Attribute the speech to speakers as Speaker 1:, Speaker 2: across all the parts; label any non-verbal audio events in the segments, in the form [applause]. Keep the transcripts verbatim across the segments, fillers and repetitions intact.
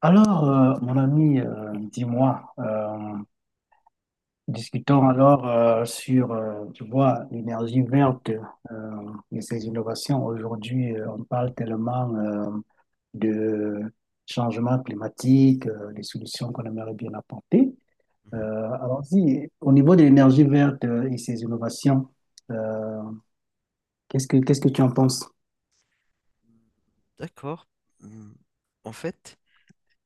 Speaker 1: Alors, euh, mon ami, euh, dis-moi, euh, discutons alors euh, sur, euh, tu vois, l'énergie verte euh, et ses innovations. Aujourd'hui, euh, on parle tellement euh, de changement climatique, euh, des solutions qu'on aimerait bien apporter.
Speaker 2: Mhm.
Speaker 1: Euh, alors, si, au niveau de l'énergie verte euh, et ses innovations, euh, qu'est-ce que, qu'est-ce que tu en penses?
Speaker 2: D'accord. Hum, En fait,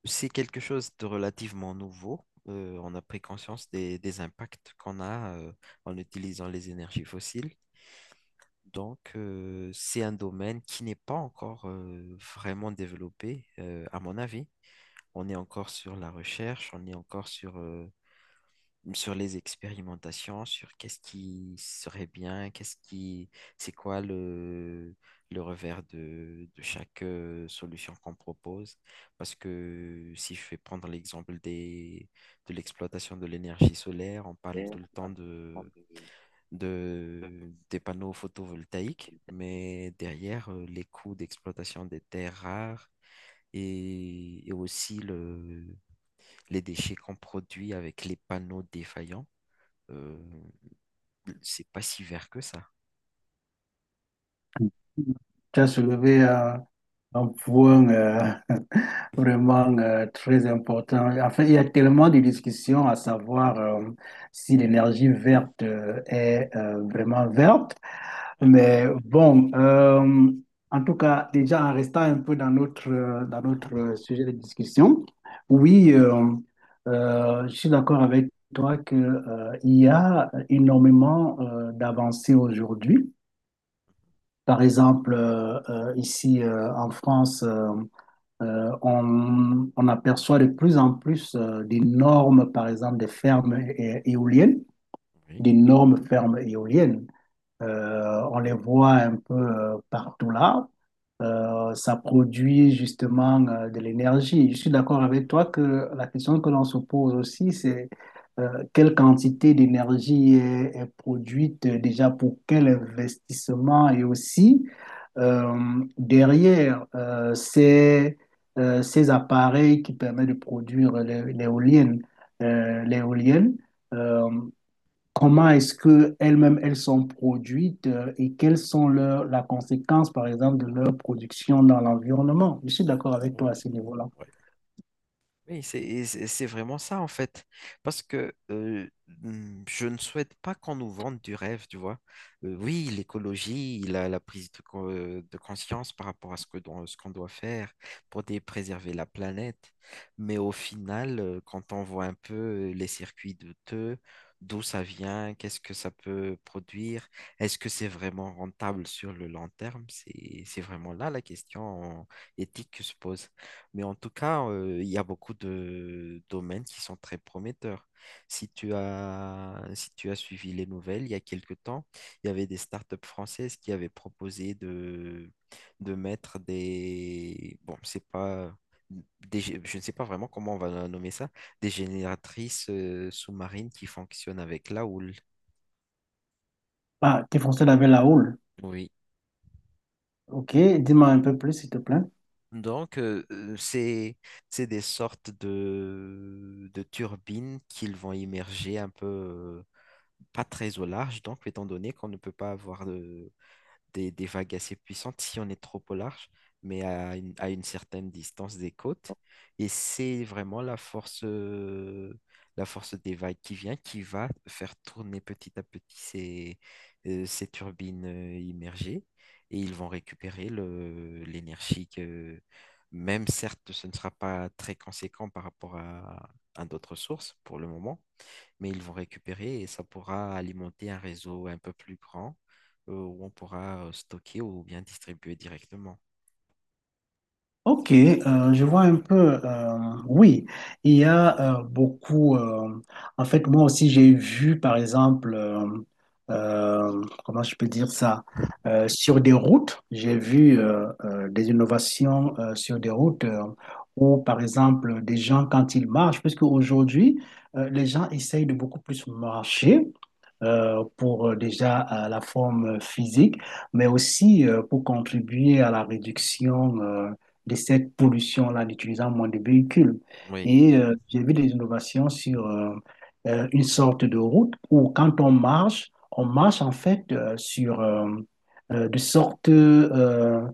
Speaker 2: c'est quelque chose de relativement nouveau. Euh, on a pris conscience des, des impacts qu'on a euh, en utilisant les énergies fossiles. Donc, euh, c'est un domaine qui n'est pas encore euh, vraiment développé, euh, à mon avis. On est encore sur la recherche, on est encore sur, euh, sur les expérimentations, sur qu'est-ce qui serait bien, qu'est-ce qui, c'est quoi le, le revers de, de chaque euh, solution qu'on propose. Parce que si je vais prendre l'exemple des, de l'exploitation de l'énergie solaire, on parle tout le temps de, de, des panneaux photovoltaïques, mais derrière, euh, les coûts d'exploitation des terres rares, Et, et aussi le, les déchets qu'on produit avec les panneaux défaillants. Euh, c'est pas si vert que ça.
Speaker 1: Tu as soulevé euh, un point. euh, Vraiment euh, très important. En fait, il y a tellement de discussions à savoir euh, si l'énergie verte euh, est euh, vraiment verte.
Speaker 2: Ouais.
Speaker 1: Mais bon, euh, en tout cas, déjà en restant un peu dans notre, euh, dans
Speaker 2: Mhm,
Speaker 1: notre euh, sujet de discussion,
Speaker 2: mhm.
Speaker 1: oui, euh, euh, je suis d'accord avec toi que, euh, il y a énormément euh, d'avancées aujourd'hui. Par exemple, euh, euh, ici euh, en France, euh, euh, on, on aperçoit de plus en plus euh, des normes, par exemple, des fermes é- éoliennes,
Speaker 2: Oui.
Speaker 1: des normes fermes éoliennes. Euh, on les voit un peu euh, partout là. Euh, ça produit justement euh, de l'énergie. Je suis d'accord avec toi que la question que l'on se pose aussi, c'est euh, quelle quantité d'énergie est, est produite euh, déjà pour quel investissement et aussi euh, derrière euh, ces, euh, ces appareils qui permettent de produire l'é- l'éolienne. Euh, l'éolienne, euh, Comment est-ce que elles-mêmes elles sont produites euh, et quelles sont leurs la conséquence par exemple de leur production dans l'environnement? Je suis d'accord avec toi à ce niveau-là.
Speaker 2: Oui. Oui, c'est c'est- c'est vraiment ça en fait. Parce que euh, mm, je ne souhaite pas qu'on nous vende du rêve, tu vois. Euh, oui, l'écologie, la, la prise de, co- euh, de conscience par rapport à ce que, don- ce qu'on doit faire pour dé- préserver la planète. Mais au final, euh, quand on voit un peu les circuits de douteux, d'où ça vient, qu'est-ce que ça peut produire, est-ce que c'est vraiment rentable sur le long terme? C'est, c'est vraiment là la question éthique que se pose. Mais en tout cas, euh, il y a beaucoup de domaines qui sont très prometteurs. Si tu as, si tu as suivi les nouvelles, il y a quelque temps, il y avait des startups françaises qui avaient proposé de, de mettre des... Bon, c'est pas... des gé- je ne sais pas vraiment comment on va nommer ça, des génératrices euh, sous-marines qui fonctionnent avec la houle.
Speaker 1: Ah, t'es foncé avec la houle.
Speaker 2: Oui.
Speaker 1: Ok, dis-moi un peu plus s'il te plaît.
Speaker 2: Donc, euh, euh, c'est, c'est des sortes de, de turbines qu'ils vont immerger un peu pas très au large, donc étant donné qu'on ne peut pas avoir de- des, des vagues assez puissantes si on est trop au large, mais à une, à une certaine distance des côtes. Et c'est vraiment la force, euh, la force des vagues qui vient, qui va faire tourner petit à petit ces, euh, ces turbines euh, immergées, et ils vont récupérer le, l'énergie que, même certes, ce ne sera pas très conséquent par rapport à, à d'autres sources pour le moment, mais ils vont récupérer et ça pourra alimenter un réseau un peu plus grand euh, où on pourra euh, stocker ou bien distribuer directement.
Speaker 1: Ok, euh, je vois un peu. Euh, oui, il y a euh, beaucoup. Euh, en fait, moi aussi, j'ai vu, par exemple, euh, euh, comment je peux dire ça. Euh, sur des routes, j'ai vu euh, euh, des innovations euh, sur des routes euh, où, par exemple, des gens, quand ils marchent, puisque aujourd'hui, euh, les gens essayent de beaucoup plus marcher. Euh, pour euh, déjà euh, la forme physique, mais aussi euh, pour contribuer à la réduction euh, de cette pollution-là, en utilisant moins de véhicules.
Speaker 2: Oui.
Speaker 1: Et euh, j'ai vu des innovations sur euh, euh, une sorte de route où quand on marche, on marche en fait euh, sur euh, euh, de sortes euh,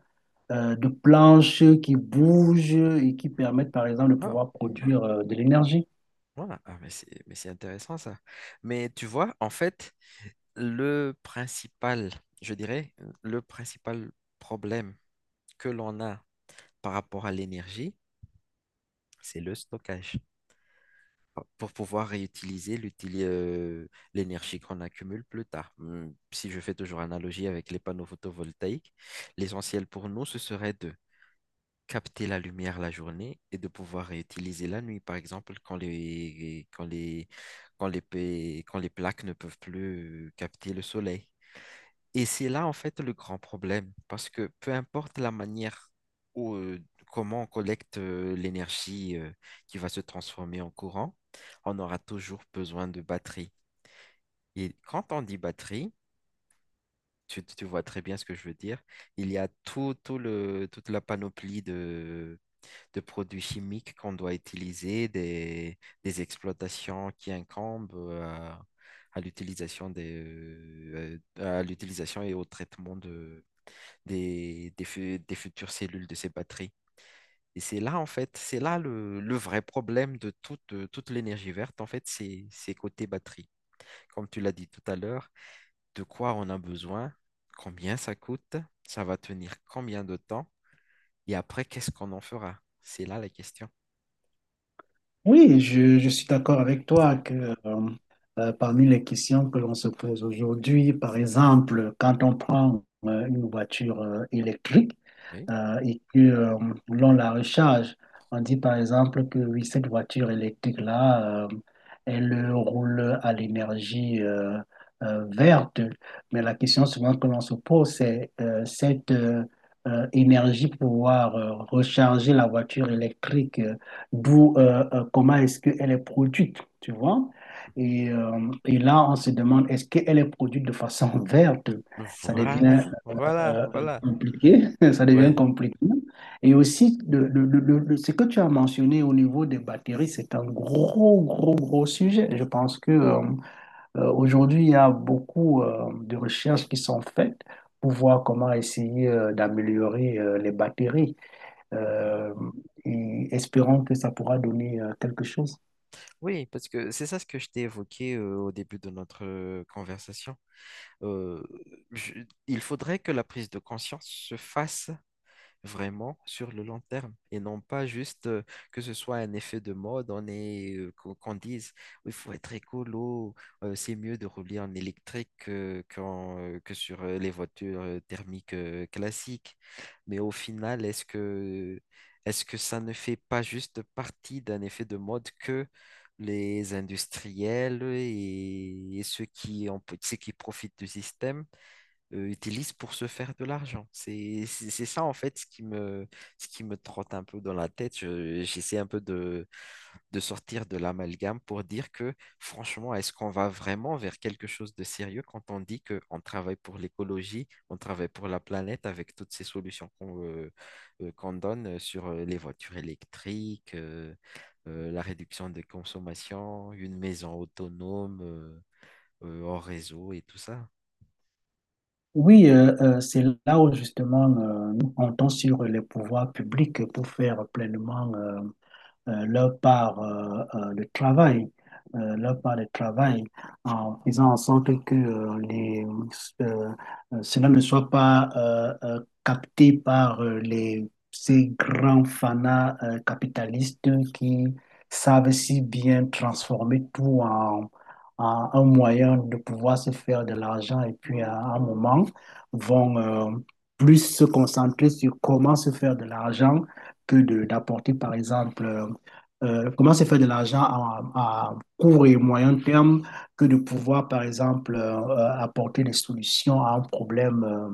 Speaker 1: euh, de planches qui bougent et qui permettent par exemple de
Speaker 2: Ah,
Speaker 1: pouvoir produire euh, de l'énergie.
Speaker 2: voilà. Ah, mais c'est, mais c'est intéressant ça. Mais tu vois, en fait, le principal, je dirais, le principal problème que l'on a par rapport à l'énergie, c'est le stockage, pour pouvoir réutiliser l'utili- euh, l'énergie qu'on accumule plus tard. Hum, Si je fais toujours analogie avec les panneaux photovoltaïques, l'essentiel pour nous, ce serait de capter la lumière la journée et de pouvoir réutiliser la nuit, par exemple, quand les, quand les, quand les, pa- quand les plaques ne peuvent plus euh, capter le soleil. Et c'est là, en fait, le grand problème, parce que peu importe la manière ou comment on collecte euh, l'énergie euh, qui va se transformer en courant, on aura toujours besoin de batterie. Et quand on dit batterie, tu, tu vois très bien ce que je veux dire, il y a tout, tout le, toute la panoplie de, de produits chimiques qu'on doit utiliser, des, des exploitations qui incombent euh, à, à l'utilisation des, euh, à l'utilisation et au traitement de des, des, fu- des futures cellules de ces batteries. Et c'est là, en fait, c'est là le, le vrai problème de toute, euh, toute l'énergie verte, en fait, c'est c'est côté batterie. Comme tu l'as dit tout à l'heure, de quoi on a besoin, combien ça coûte, ça va tenir combien de temps, et après, qu'est-ce qu'on en fera? C'est là la question.
Speaker 1: Oui, je, je suis d'accord avec toi que euh, euh, parmi les questions que l'on se pose aujourd'hui, par exemple, quand on prend euh, une voiture euh, électrique
Speaker 2: Oui.
Speaker 1: euh, et que euh, l'on la recharge, on dit par exemple que oui, cette voiture électrique-là, euh, elle roule à l'énergie euh, euh, verte. Mais la question souvent que l'on se pose, c'est euh, cette euh, euh, énergie pour pouvoir euh, recharger la voiture électrique. Euh, d'où euh, euh, comment est-ce qu'elle est produite, tu vois. Et, euh, et là, on se demande, est-ce qu'elle est produite de façon [laughs] verte? Ça
Speaker 2: Voilà,
Speaker 1: devient euh,
Speaker 2: voilà,
Speaker 1: euh,
Speaker 2: voilà.
Speaker 1: compliqué, [laughs] ça devient
Speaker 2: Oui.
Speaker 1: compliqué. Et aussi, le- le- le- le- le- ce que tu as mentionné au niveau des batteries, c'est un gros, gros, gros sujet. Je pense que euh, euh, aujourd'hui, il y a beaucoup euh, de recherches qui sont faites pour voir comment essayer euh, d'améliorer euh, les batteries
Speaker 2: Mhm.
Speaker 1: euh, et espérons que ça pourra donner euh, quelque chose.
Speaker 2: Oui, parce que c'est ça ce que je t'ai évoqué euh, au début de notre euh, conversation. Euh, je- il faudrait que la prise de conscience se fasse vraiment sur le long terme et non pas juste euh, que ce soit un effet de mode, on est, euh, qu'on qu'on dise il faut être écolo, euh, c'est mieux de rouler en électrique que, qu'en, euh, que sur euh, les voitures euh, thermiques euh, classiques. Mais au final, est-ce que, est-ce que ça ne fait pas juste partie d'un effet de mode que les industriels et, et ceux qui, en- ceux qui profitent du système euh, utilisent pour se faire de l'argent. C'est, c'est c'est ça en fait ce qui me, ce qui me trotte un peu dans la tête. Je- j'essaie un peu de, de sortir de l'amalgame pour dire que franchement, est-ce qu'on va vraiment vers quelque chose de sérieux quand on dit qu'on travaille pour l'écologie, on travaille pour la planète avec toutes ces solutions qu'on euh, euh, qu'on donne euh, sur euh, les voitures électriques, euh, euh, la réduction des consommations, une maison autonome, euh, euh, hors réseau et tout ça.
Speaker 1: Oui, euh, euh, c'est là où justement euh, nous comptons sur les pouvoirs publics pour faire pleinement euh, euh, leur part euh, euh, de travail, euh, leur part de travail, en faisant en sorte que euh, les, euh, euh, cela ne soit pas euh, euh, capté par euh, les, ces grands fanas euh, capitalistes qui savent si bien transformer tout en, en, un moyen de pouvoir se faire de l'argent et puis à un moment vont euh, plus se concentrer sur comment se faire de l'argent que de d'apporter par exemple euh, euh, comment se faire de l'argent à, à court et moyen terme que de pouvoir, par exemple, euh, euh, apporter des solutions à un problème euh,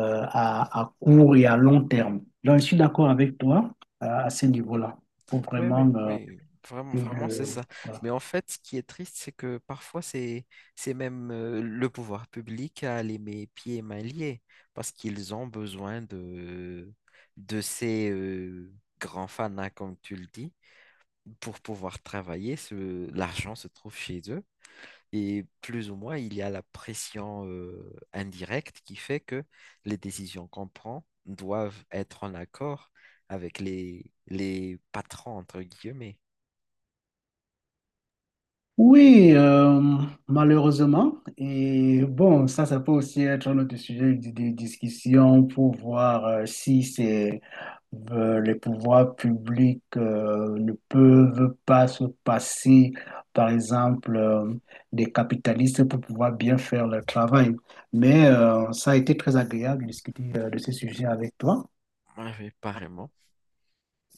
Speaker 1: euh, à, à court et à long terme. Donc, je suis d'accord avec toi euh, à ce niveau-là. Faut
Speaker 2: Oui, oui,
Speaker 1: vraiment. euh,
Speaker 2: oui, vraiment, vraiment, c'est
Speaker 1: que-
Speaker 2: ça. Mais en fait, ce qui est triste, c'est que parfois, c'est, c'est même euh, le pouvoir public a les mes pieds et mains liés parce qu'ils ont besoin de, de ces euh, grands fanas, comme tu le dis, pour pouvoir travailler. Ce, l'argent se trouve chez eux. Et plus ou moins, il y a la pression euh, indirecte qui fait que les décisions qu'on prend doivent être en accord avec les, les patrons, entre guillemets.
Speaker 1: Oui, euh, malheureusement. Et bon, ça, ça peut aussi être un autre sujet de, de discussion pour voir euh, si c'est. Euh, les pouvoirs publics euh, ne peuvent pas se passer, par exemple, euh, des capitalistes pour pouvoir bien faire leur travail. Mais euh, ça a été très agréable de discuter euh, de ces sujets avec toi.
Speaker 2: Ah oui, pareillement.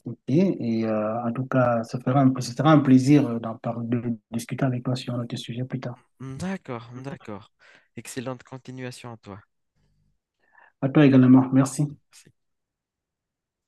Speaker 1: Ok. Et euh, en tout cas, ça fera un- ce sera un plaisir euh, d'en parler, de discuter avec toi sur notre sujet plus tard.
Speaker 2: D'accord, d'accord. Excellente continuation à toi.
Speaker 1: À toi également. Merci.